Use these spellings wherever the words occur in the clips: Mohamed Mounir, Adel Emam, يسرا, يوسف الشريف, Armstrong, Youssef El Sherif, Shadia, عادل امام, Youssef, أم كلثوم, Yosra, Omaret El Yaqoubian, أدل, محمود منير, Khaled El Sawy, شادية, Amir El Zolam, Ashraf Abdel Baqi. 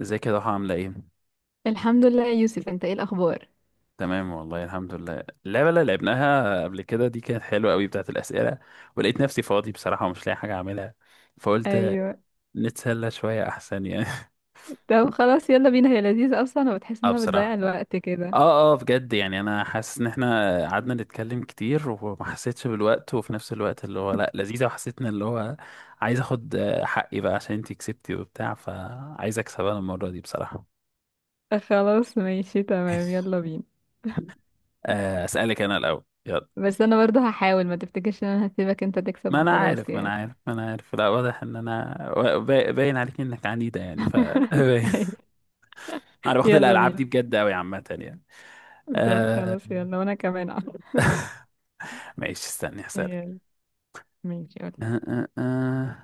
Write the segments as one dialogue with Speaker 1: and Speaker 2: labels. Speaker 1: ازيك يا ضحى عاملة ايه؟
Speaker 2: الحمد لله يا يوسف، انت ايه الاخبار؟
Speaker 1: تمام والله الحمد لله. اللعبة اللي لعبناها قبل كده دي كانت حلوة قوي، بتاعت الأسئلة، ولقيت نفسي فاضي بصراحة ومش لاقي حاجة أعملها، فقلت
Speaker 2: ايوه.
Speaker 1: نتسلى شوية أحسن يعني
Speaker 2: طب خلاص يلا بينا، هي لذيذة اصلا وبتحس
Speaker 1: اه
Speaker 2: انها بتضيع
Speaker 1: بصراحة،
Speaker 2: الوقت كده.
Speaker 1: اه بجد، يعني أنا حاسس إن احنا قعدنا نتكلم كتير وما حسيتش بالوقت، وفي نفس الوقت اللي هو لأ لذيذة، وحسيت إن اللي هو عايز آخد حقي بقى، عشان انتي كسبتي وبتاع، فعايز أكسب أنا المرة دي بصراحة.
Speaker 2: خلاص ماشي تمام يلا بينا.
Speaker 1: أسألك أنا الأول يلا.
Speaker 2: بس انا برضه هحاول ما تفتكرش ان انا هسيبك انت
Speaker 1: ما
Speaker 2: تكسب
Speaker 1: انا
Speaker 2: وخلاص
Speaker 1: عارف ما انا
Speaker 2: يعني.
Speaker 1: عارف ما انا عارف لا واضح ان انا باين عليك انك عنيده يعني ف باين.
Speaker 2: أيوة،
Speaker 1: انا باخد
Speaker 2: يلا
Speaker 1: الالعاب
Speaker 2: بينا.
Speaker 1: دي بجد قوي عامه يعني.
Speaker 2: طب
Speaker 1: آه
Speaker 2: خلاص يلا وانا كمان أهو.
Speaker 1: ماشي، استني هسألك.
Speaker 2: يلا ماشي يلا.
Speaker 1: آه آه آه.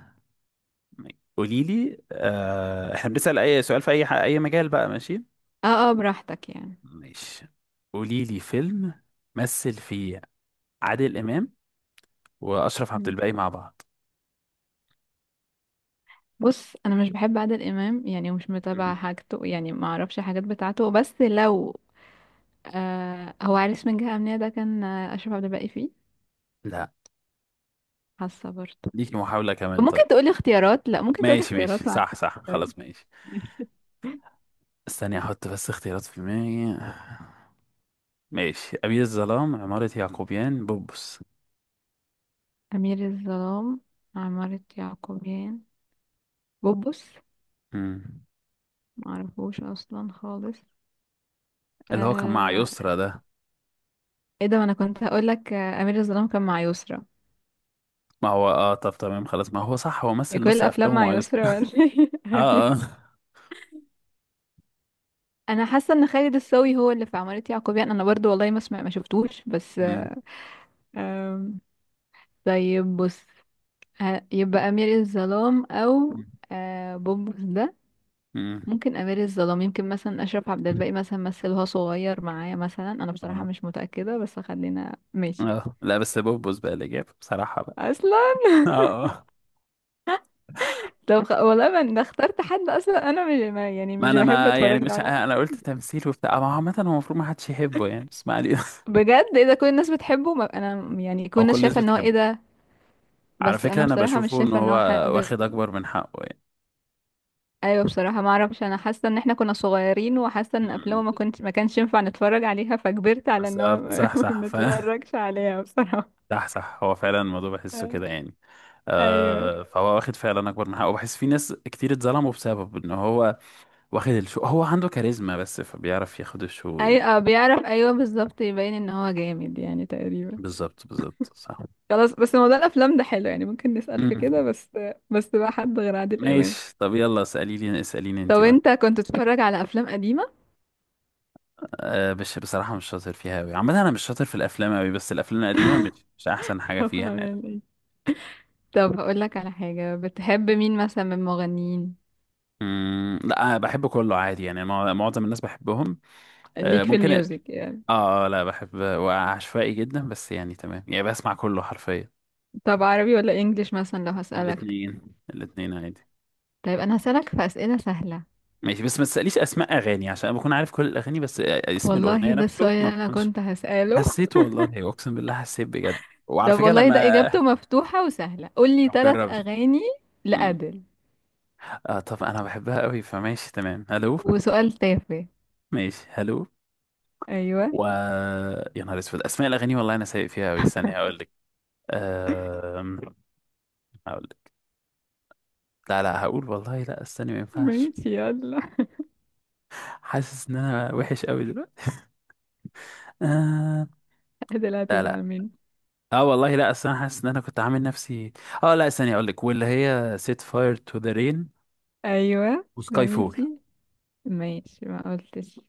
Speaker 1: قولي لي، آه احنا بنسأل اي سؤال في اي اي مجال بقى؟ ماشي
Speaker 2: اه اه براحتك يعني.
Speaker 1: ماشي. قولي لي فيلم مثل فيه عادل امام واشرف عبد
Speaker 2: مم.
Speaker 1: الباقي مع بعض.
Speaker 2: بص انا مش بحب عادل امام يعني مش متابعه
Speaker 1: مم.
Speaker 2: حاجته يعني ما اعرفش حاجات بتاعته، بس لو آه هو عريس من جهه امنيه ده كان، اشرف عبد الباقي فيه.
Speaker 1: لا،
Speaker 2: حاسة برضه.
Speaker 1: ليكي محاولة كمان
Speaker 2: ممكن
Speaker 1: طيب.
Speaker 2: تقولي اختيارات؟ لا ممكن تقولي
Speaker 1: ماشي ماشي،
Speaker 2: اختيارات معلش.
Speaker 1: صح صح،
Speaker 2: سوري.
Speaker 1: خلاص ماشي. استني احط بس اختيارات في دماغي. ماشي: أبي الظلام، عمارة يعقوبيان، بوبس.
Speaker 2: أمير الظلام، عمارة يعقوبيان، بوبوس.
Speaker 1: مم.
Speaker 2: معرفوش أصلا خالص.
Speaker 1: اللي هو كان مع
Speaker 2: آه...
Speaker 1: يسرا ده.
Speaker 2: ايه ده، ما أنا كنت هقولك، أمير الظلام كان مع يسرا.
Speaker 1: ما هو اه، طب تمام خلاص، ما هو صح، هو
Speaker 2: هي
Speaker 1: مثل
Speaker 2: كل
Speaker 1: نص
Speaker 2: الأفلام
Speaker 1: أفلامه
Speaker 2: مع
Speaker 1: مع يسرا.
Speaker 2: يسرا ولا إيه؟
Speaker 1: اه اه.
Speaker 2: أيوة. أنا حاسة إن خالد الصاوي هو اللي في عمارة يعقوبيان، أنا برضو والله ما سمع ما شفتوش بس
Speaker 1: مم.
Speaker 2: آم، طيب بص، يبقى أمير الظلام أو بوبوس ده.
Speaker 1: مم.
Speaker 2: ممكن امير الظلام، يمكن مثلا اشرف عبد الباقي مثلا مثلها صغير معايا مثلا، انا بصراحه
Speaker 1: اه
Speaker 2: مش متاكده بس خلينا ماشي.
Speaker 1: لا بس بوبس بقى الإجابة بصراحة بقى.
Speaker 2: اصلا.
Speaker 1: اه آه.
Speaker 2: والله ما انا اخترت حد اصلا، انا مش ما يعني
Speaker 1: ما
Speaker 2: مش
Speaker 1: أنا
Speaker 2: بحب
Speaker 1: ما يعني
Speaker 2: اتفرج له
Speaker 1: مش
Speaker 2: على
Speaker 1: أنا قلت
Speaker 2: حد.
Speaker 1: تمثيل وبتاع، ما هو عامة هو المفروض ما حدش يحبه يعني، بس ما علينا.
Speaker 2: بجد ايه ده، كل الناس بتحبه؟ ما انا يعني كل
Speaker 1: هو كل
Speaker 2: الناس
Speaker 1: الناس
Speaker 2: شايفه ان هو ايه
Speaker 1: بتحبه.
Speaker 2: ده.
Speaker 1: على
Speaker 2: بس
Speaker 1: فكرة
Speaker 2: انا
Speaker 1: أنا
Speaker 2: بصراحه مش
Speaker 1: بشوفه إن
Speaker 2: شايفه ان
Speaker 1: هو
Speaker 2: هو حد.
Speaker 1: واخد أكبر من حقه يعني.
Speaker 2: ايوه بصراحه ما اعرفش، انا حاسه ان احنا كنا صغيرين وحاسه ان
Speaker 1: مم.
Speaker 2: افلامه ما كانش ينفع نتفرج عليها، فكبرت على ان هو
Speaker 1: بالظبط،
Speaker 2: ما
Speaker 1: صح صح
Speaker 2: ما
Speaker 1: ف
Speaker 2: نتفرجش عليها بصراحه.
Speaker 1: صح صح، هو فعلا الموضوع بحسه كده يعني. مم.
Speaker 2: ايوه.
Speaker 1: آه فهو واخد فعلا اكبر من حقه، وبحس في ناس كتير اتظلموا بسبب ان هو واخد الشو، هو عنده كاريزما بس فبيعرف ياخد الشو
Speaker 2: اي
Speaker 1: يعني.
Speaker 2: اه بيعرف، ايوه بالظبط يبين ان هو جامد يعني تقريبا.
Speaker 1: بالظبط بالظبط صح.
Speaker 2: خلاص بس موضوع الافلام ده حلو يعني، ممكن نسأل في
Speaker 1: مم.
Speaker 2: كده بس. بس بقى حد غير عادل امام.
Speaker 1: ماشي طب يلا، اسالي لي اساليني انت
Speaker 2: طب
Speaker 1: بقى.
Speaker 2: انت كنت بتتفرج على افلام قديمه؟
Speaker 1: آه مش بصراحه مش شاطر فيها قوي عامه، انا مش شاطر في الافلام قوي، بس الافلام القديمه مش احسن حاجه فيها.
Speaker 2: طبعا يعني. طب هقول لك على حاجه، بتحب مين مثلا من المغنيين؟
Speaker 1: مم. لا أنا بحب كله عادي يعني، معظم الناس بحبهم. آه
Speaker 2: ليك في
Speaker 1: ممكن.
Speaker 2: الميوزك يعني.
Speaker 1: لا بحب وعشوائي جدا بس، يعني تمام يعني، بسمع كله حرفيا.
Speaker 2: طب عربي ولا انجليش مثلا لو هسألك؟
Speaker 1: الاثنين، الاثنين عادي.
Speaker 2: طيب انا هسألك في اسئله سهله.
Speaker 1: ماشي، بس ما تسأليش اسماء اغاني، عشان أنا بكون عارف كل الاغاني بس اسم
Speaker 2: والله
Speaker 1: الاغنية
Speaker 2: ده
Speaker 1: نفسه
Speaker 2: السؤال
Speaker 1: ما
Speaker 2: اللي انا
Speaker 1: بكونش.
Speaker 2: كنت هسأله.
Speaker 1: حسيت والله، اقسم بالله حسيت بجد، وعلى
Speaker 2: طب
Speaker 1: فكرة
Speaker 2: والله ده
Speaker 1: لما
Speaker 2: اجابته مفتوحه وسهله، قول لي ثلاث
Speaker 1: جربت.
Speaker 2: اغاني
Speaker 1: مم.
Speaker 2: لأديل.
Speaker 1: اه طب انا بحبها قوي، فماشي تمام هلو.
Speaker 2: وسؤال تافه.
Speaker 1: ماشي هلو.
Speaker 2: ايوه
Speaker 1: و يا نهار اسود اسماء الاغاني، والله انا سايق فيها قوي، استني هقول لك. أم... هقول لك، لا لا هقول، والله لا استني ما ينفعش.
Speaker 2: ماشي يلا.
Speaker 1: حاسس ان انا وحش قوي. آه.
Speaker 2: ادي لا
Speaker 1: لا
Speaker 2: تزعل
Speaker 1: لا،
Speaker 2: مني.
Speaker 1: اه والله لا، اصل انا حاسس ان انا كنت عامل نفسي اه. لا، ثانية اقول لك، واللي هي سيت فاير تو ذا رين،
Speaker 2: ايوه
Speaker 1: وسكاي فول،
Speaker 2: ماشي ماشي ما قلتش.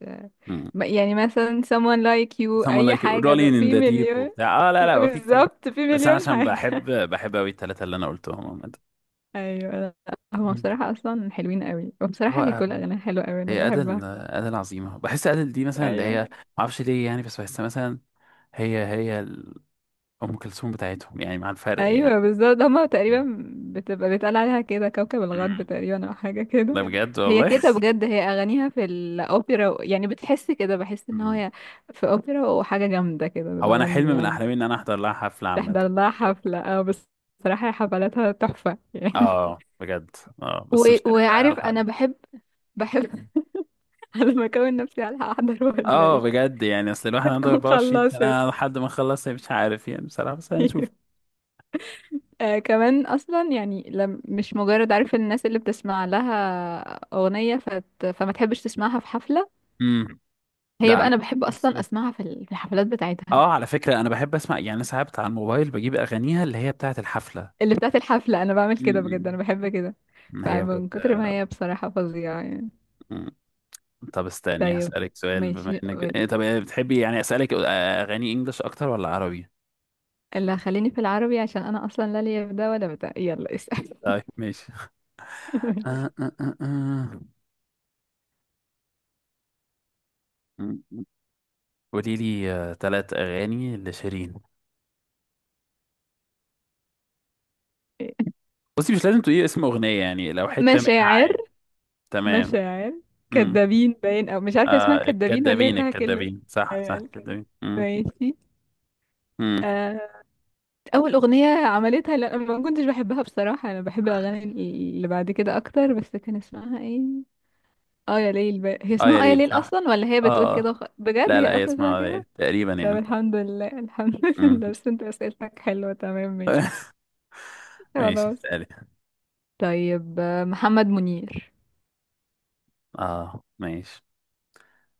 Speaker 2: يعني مثلا someone like you،
Speaker 1: someone
Speaker 2: اي
Speaker 1: like
Speaker 2: حاجة، ده
Speaker 1: rolling in
Speaker 2: في
Speaker 1: the deep
Speaker 2: مليون.
Speaker 1: وبتاع. اه لا لا، وفي كتير
Speaker 2: بالظبط، في
Speaker 1: بس انا
Speaker 2: مليون
Speaker 1: عشان بحب
Speaker 2: حاجة.
Speaker 1: بحب قوي الثلاثة اللي انا قلتهم عامة.
Speaker 2: ايوه لا، هما
Speaker 1: مم.
Speaker 2: بصراحة اصلا حلوين قوي، وبصراحة هي
Speaker 1: و-
Speaker 2: كل اغانيها حلوة قوي انا
Speaker 1: هي
Speaker 2: بحبها.
Speaker 1: أدل عظيمة، بحس أدل دي مثلا اللي
Speaker 2: ايوه
Speaker 1: هي معرفش ليه يعني، بس بحسها مثلا هي هي ال- أم كلثوم بتاعتهم يعني، مع الفرق يعني.
Speaker 2: ايوه بالظبط هما
Speaker 1: مم.
Speaker 2: تقريبا. بتبقى بيتقال عليها كده كوكب الغرب
Speaker 1: مم.
Speaker 2: تقريبا او حاجه
Speaker 1: ده
Speaker 2: كده.
Speaker 1: بجد
Speaker 2: هي
Speaker 1: والله.
Speaker 2: كده بجد، هي اغانيها في الاوبرا يعني بتحس كده، بحس ان هي في اوبرا وحاجه جامده كده
Speaker 1: هو انا حلم
Speaker 2: بتغني
Speaker 1: من
Speaker 2: يعني.
Speaker 1: احلامي ان انا احضر لها حفله عامه
Speaker 2: تحضر لها
Speaker 1: بجد.
Speaker 2: حفله اه بس. بصراحه حفلاتها تحفه يعني.
Speaker 1: اه بجد. اه
Speaker 2: و...
Speaker 1: بس مش عارف بقى
Speaker 2: وعارف
Speaker 1: هلحق.
Speaker 2: انا بحب بحب على ما اكون نفسي على احضر ولا
Speaker 1: اه
Speaker 2: ايه؟
Speaker 1: بجد يعني، اصل الواحد عنده
Speaker 2: هتكون
Speaker 1: 24
Speaker 2: خلصت.
Speaker 1: سنه لحد ما نخلص، مش عارف يعني بصراحه، بس هنشوف.
Speaker 2: آه كمان اصلا يعني لم، مش مجرد عارف الناس اللي بتسمع لها اغنيه فت فما تحبش تسمعها في حفله.
Speaker 1: امم.
Speaker 2: هي
Speaker 1: لا
Speaker 2: بقى
Speaker 1: مش.
Speaker 2: انا بحب اصلا
Speaker 1: بس-
Speaker 2: اسمعها في في الحفلات بتاعتها.
Speaker 1: اه على فكره انا بحب اسمع يعني ساعات على الموبايل، بجيب اغانيها اللي هي بتاعه الحفله.
Speaker 2: اللي بتاعت الحفله انا بعمل كده بجد، انا
Speaker 1: امم.
Speaker 2: بحب كده.
Speaker 1: هي بجد.
Speaker 2: فمن كتر ما هي بصراحه فظيعه يعني.
Speaker 1: مم. طب استني
Speaker 2: طيب
Speaker 1: هسألك سؤال، بما
Speaker 2: ماشي
Speaker 1: انك ب...
Speaker 2: قول.
Speaker 1: إيه، طب إيه، بتحبي يعني اسألك اغاني انجلش اكتر ولا عربي؟
Speaker 2: اللي هخليني في العربي عشان انا اصلا لا ليا في ده ولا بتاع، يلا اسال.
Speaker 1: طيب ماشي.
Speaker 2: ماشي.
Speaker 1: قولي لي تلات أغاني لشيرين. بصي مش لازم تقولي اسم أغنية يعني، لو حتة منها
Speaker 2: مشاعر.
Speaker 1: عادي. تمام.
Speaker 2: مشاعر،
Speaker 1: امم.
Speaker 2: كدابين باين، او مش عارفه اسمها
Speaker 1: آه
Speaker 2: كدابين ولا هي
Speaker 1: الكدابين،
Speaker 2: فيها كله.
Speaker 1: الكدابين صح صح،
Speaker 2: ايوه الكداب.
Speaker 1: الكدابين. امم.
Speaker 2: ماشي.
Speaker 1: امم.
Speaker 2: آه، اول اغنيه عملتها، لا ما كنتش بحبها بصراحه، انا بحب الاغاني اللي بعد كده اكتر، بس كان اسمها ايه؟ اه يا ليل بقى. هي
Speaker 1: اه يا
Speaker 2: اسمها اه يا
Speaker 1: ليل
Speaker 2: ليل
Speaker 1: صح.
Speaker 2: اصلا، ولا هي بتقول
Speaker 1: اه آه.
Speaker 2: كده بجد
Speaker 1: لا لا
Speaker 2: هي
Speaker 1: هي
Speaker 2: اصلا اسمها
Speaker 1: اسمها ليل
Speaker 2: كده.
Speaker 1: تقريبا
Speaker 2: طب
Speaker 1: يعني.
Speaker 2: الحمد لله الحمد
Speaker 1: امم.
Speaker 2: لله، بس انت اسئلتك حلوه تمام ماشي.
Speaker 1: ماشي
Speaker 2: خلاص.
Speaker 1: اسألي.
Speaker 2: طيب محمد منير.
Speaker 1: اه ماشي.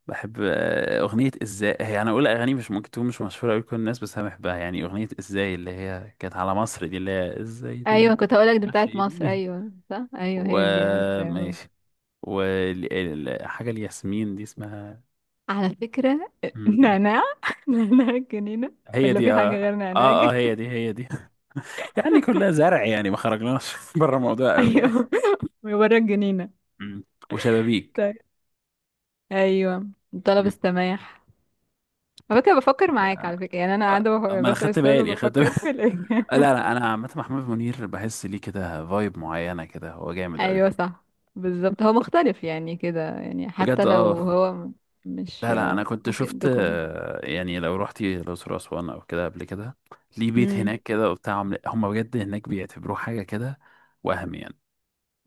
Speaker 1: بحب أغنية إزاي. هي أنا أقول أغاني مش ممكن تكون مش مشهورة أوي كل الناس، بس أنا بحبها يعني. أغنية إزاي اللي هي كانت على مصر، دي اللي هي إزاي
Speaker 2: ايوه
Speaker 1: ترد.
Speaker 2: كنت هقولك دي
Speaker 1: معرفش
Speaker 2: بتاعت
Speaker 1: إيه
Speaker 2: مصر،
Speaker 1: دي.
Speaker 2: ايوه صح ايوه هي دي عارفه.
Speaker 1: وماشي. وحاجة الياسمين دي اسمها.
Speaker 2: على فكره
Speaker 1: مم.
Speaker 2: نعناع. نعناع الجنينه.
Speaker 1: هي
Speaker 2: ولا
Speaker 1: دي
Speaker 2: في حاجه
Speaker 1: اه.
Speaker 2: غير نعناع؟
Speaker 1: اه اه هي دي هي دي. يعني كلها زرع يعني، ما خرجناش بره الموضوع قوي يعني.
Speaker 2: ايوه. وورا الجنينه.
Speaker 1: مم. وشبابيك.
Speaker 2: طيب. ايوه الطلب
Speaker 1: مم.
Speaker 2: السماح. على فكرة بفكر معاك
Speaker 1: آه،
Speaker 2: على فكرة يعني، انا قاعدة
Speaker 1: آه، ما انا
Speaker 2: بسأل
Speaker 1: خدت
Speaker 2: سؤال
Speaker 1: بالي خدت بالي
Speaker 2: وبفكر في الاجابة.
Speaker 1: لا لا، انا عامة محمود منير بحس ليه كده فايب معينة كده، هو جامد قوي
Speaker 2: ايوه
Speaker 1: برضه
Speaker 2: صح. بالظبط هو مختلف يعني كده، يعني
Speaker 1: بجد.
Speaker 2: حتى لو
Speaker 1: اه
Speaker 2: هو مش
Speaker 1: لا لا، انا كنت
Speaker 2: ممكن
Speaker 1: شفت
Speaker 2: دوكم.
Speaker 1: يعني لو رحتي الاقصر واسوان او كده قبل كده، ليه بيت
Speaker 2: امم.
Speaker 1: هناك كده وبتاع، هم بجد هناك بيعتبروه حاجة كده وهم يعني.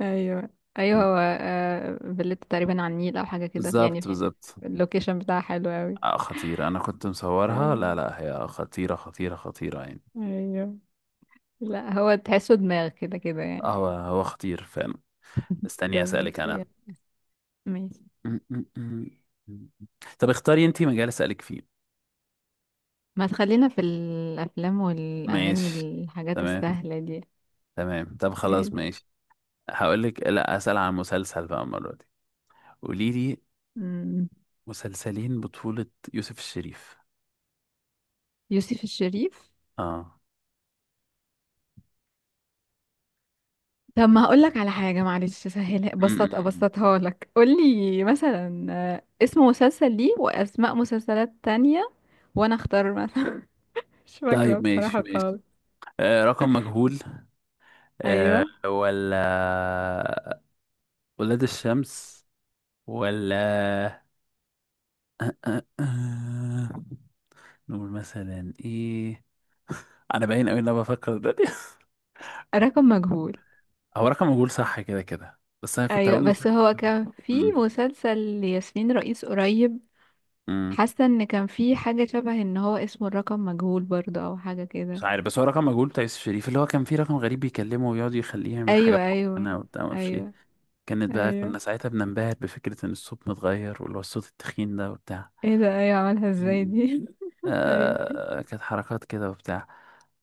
Speaker 2: ايوه ايوه هو، فيلته تقريبا على النيل او حاجة كده يعني.
Speaker 1: بالظبط بالظبط.
Speaker 2: اللوكيشن بتاعها حلو قوي.
Speaker 1: آه، خطير، انا كنت مصورها. لا
Speaker 2: ايوه
Speaker 1: لا هي خطيرة خطيرة خطيرة يعني.
Speaker 2: ايوه. لا هو تحسه دماغ كده كده يعني.
Speaker 1: هو خطير، فاهم؟
Speaker 2: طب
Speaker 1: استني اسألك انا.
Speaker 2: ماشي ماشي.
Speaker 1: م- م- م- م. طب اختاري انتي مجال اسألك فيه.
Speaker 2: ما تخلينا في الافلام والاغاني،
Speaker 1: ماشي.
Speaker 2: الحاجات
Speaker 1: تمام.
Speaker 2: السهلة دي.
Speaker 1: تمام طب خلاص ماشي. هقول لك، لا اسأل عن مسلسل بقى المرة دي. قولي لي
Speaker 2: مم.
Speaker 1: مسلسلين بطولة يوسف الشريف.
Speaker 2: يوسف الشريف.
Speaker 1: اه.
Speaker 2: طب ما هقول لك على حاجة معلش سهلها،
Speaker 1: م- م-
Speaker 2: بسط
Speaker 1: م.
Speaker 2: ابسطها لك، قول لي مثلا اسم مسلسل ليه واسماء مسلسلات تانية وانا اختار مثلا. مش فاكرة
Speaker 1: طيب ماشي
Speaker 2: بصراحة
Speaker 1: ماشي.
Speaker 2: خالص.
Speaker 1: آه رقم مجهول، آه
Speaker 2: ايوه
Speaker 1: ولا ولاد الشمس، ولا أه أه. نقول مثلا ايه؟ انا باين قوي ان انا بفكر دلوقتي.
Speaker 2: رقم مجهول.
Speaker 1: هو رقم مجهول صح كده كده، بس انا كنت
Speaker 2: ايوه
Speaker 1: هقول
Speaker 2: بس
Speaker 1: مسلسل.
Speaker 2: هو كان في
Speaker 1: أمم.
Speaker 2: مسلسل لياسمين رئيس قريب.
Speaker 1: أمم.
Speaker 2: حاسة ان كان في حاجة شبه ان هو اسمه الرقم مجهول برضه او حاجة
Speaker 1: مش
Speaker 2: كده.
Speaker 1: عارف، بس هو رقم مجهول بتاع يوسف شريف، اللي هو كان فيه رقم غريب بيكلمه ويقعد يخليه يعمل
Speaker 2: ايوه
Speaker 1: حاجات
Speaker 2: ايوه.
Speaker 1: معينة وبتاع، معرفش ايه.
Speaker 2: ايوه
Speaker 1: كانت بقى،
Speaker 2: ايوه
Speaker 1: كنا ساعتها بننبهر بفكرة ان الصوت متغير، واللي هو الصوت التخين ده وبتاع.
Speaker 2: ايه ده، ايوه عملها ازاي
Speaker 1: أمم.
Speaker 2: دي. ايوه.
Speaker 1: آه كانت حركات كده وبتاع.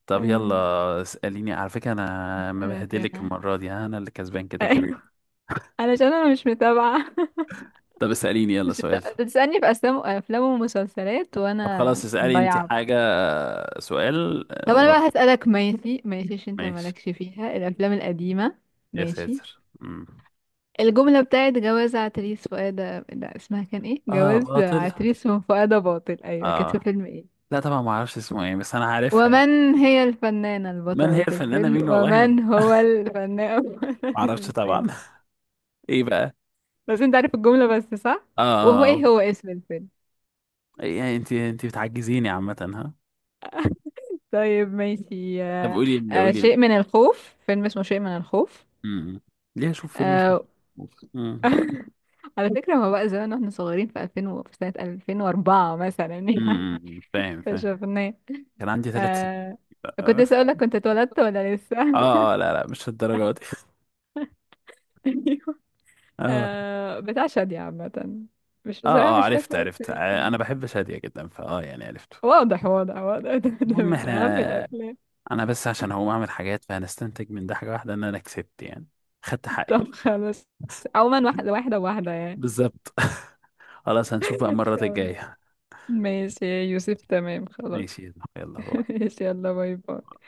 Speaker 1: طب يلا
Speaker 2: أيوة.
Speaker 1: اسأليني، على فكرة انا
Speaker 2: انا
Speaker 1: مبهدلك
Speaker 2: كده.
Speaker 1: المرة دي، انا اللي كسبان كده كده.
Speaker 2: أيوة. علشان انا مش متابعة.
Speaker 1: طب اسأليني يلا
Speaker 2: مش
Speaker 1: سؤال.
Speaker 2: متابعة، أنت بتسألني في افلام افلام ومسلسلات
Speaker 1: طب
Speaker 2: وانا
Speaker 1: خلاص اسألي انت
Speaker 2: ضايعة.
Speaker 1: حاجة، سؤال
Speaker 2: طب انا بقى هسألك، ماشي ماشي عشان انت
Speaker 1: ماشي.
Speaker 2: مالكش فيها الافلام القديمة.
Speaker 1: يا
Speaker 2: ماشي.
Speaker 1: ساتر. مم.
Speaker 2: الجملة بتاعت جواز عتريس فؤاد، لا اسمها كان ايه،
Speaker 1: اه
Speaker 2: جواز
Speaker 1: باطل.
Speaker 2: عتريس من فؤاد باطل، ايوه، كانت
Speaker 1: اه.
Speaker 2: في فيلم ايه؟
Speaker 1: لا طبعا ما اعرفش اسمه ايه، بس انا عارفها يعني.
Speaker 2: ومن هي الفنانة
Speaker 1: من هي
Speaker 2: البطلة
Speaker 1: الفنانة؟
Speaker 2: الفيلم،
Speaker 1: مين والله ما
Speaker 2: ومن هو الفنان بطل
Speaker 1: اعرفش طبعا.
Speaker 2: الفيلم؟
Speaker 1: ايه بقى؟
Speaker 2: بس انت عارف الجملة بس صح؟
Speaker 1: اه
Speaker 2: وهو ايه هو اسم الفيلم؟
Speaker 1: يعني انت بتعجزيني عامة ها.
Speaker 2: طيب ماشي.
Speaker 1: طب قولي، قولي لي.
Speaker 2: شيء من الخوف، فيلم اسمه شيء من الخوف.
Speaker 1: امم. ليه اشوف فيلم اسمه.
Speaker 2: آه،
Speaker 1: امم.
Speaker 2: على فكرة ما بقى زمان واحنا صغيرين، في 2000 في سنة 2004 مثلا يعني.
Speaker 1: فاهم فاهم.
Speaker 2: فشفناه.
Speaker 1: كان عندي ثلاث سنين.
Speaker 2: آه... كنت
Speaker 1: اه
Speaker 2: لسه اقول لك كنت اتولدت ولا لسه.
Speaker 1: لا لا مش الدرجة دي.
Speaker 2: ايوه.
Speaker 1: اه.
Speaker 2: بتاع شادية عامة، مش
Speaker 1: اه
Speaker 2: بصراحة
Speaker 1: اه
Speaker 2: مش
Speaker 1: عرفت
Speaker 2: فاكرة
Speaker 1: عرفت،
Speaker 2: التاريخ
Speaker 1: انا
Speaker 2: يعني.
Speaker 1: بحب شادية جدا فاه، يعني عرفته.
Speaker 2: واضح واضح واضح. ده, ده
Speaker 1: المهم
Speaker 2: من أهم
Speaker 1: احنا،
Speaker 2: الأفلام.
Speaker 1: انا بس عشان هقوم اعمل حاجات، فهنستنتج من ده حاجة واحدة ان انا كسبت يعني، خدت حقي.
Speaker 2: طب خلاص. عموما واحدة واحدة واحدة يعني.
Speaker 1: بالظبط. خلاص هنشوف بقى المرة
Speaker 2: خلاص.
Speaker 1: الجاية.
Speaker 2: ماشي يا يوسف، تمام خلاص.
Speaker 1: ماشي يا زلمة، يلا باي.
Speaker 2: ماشي يلا باي باي.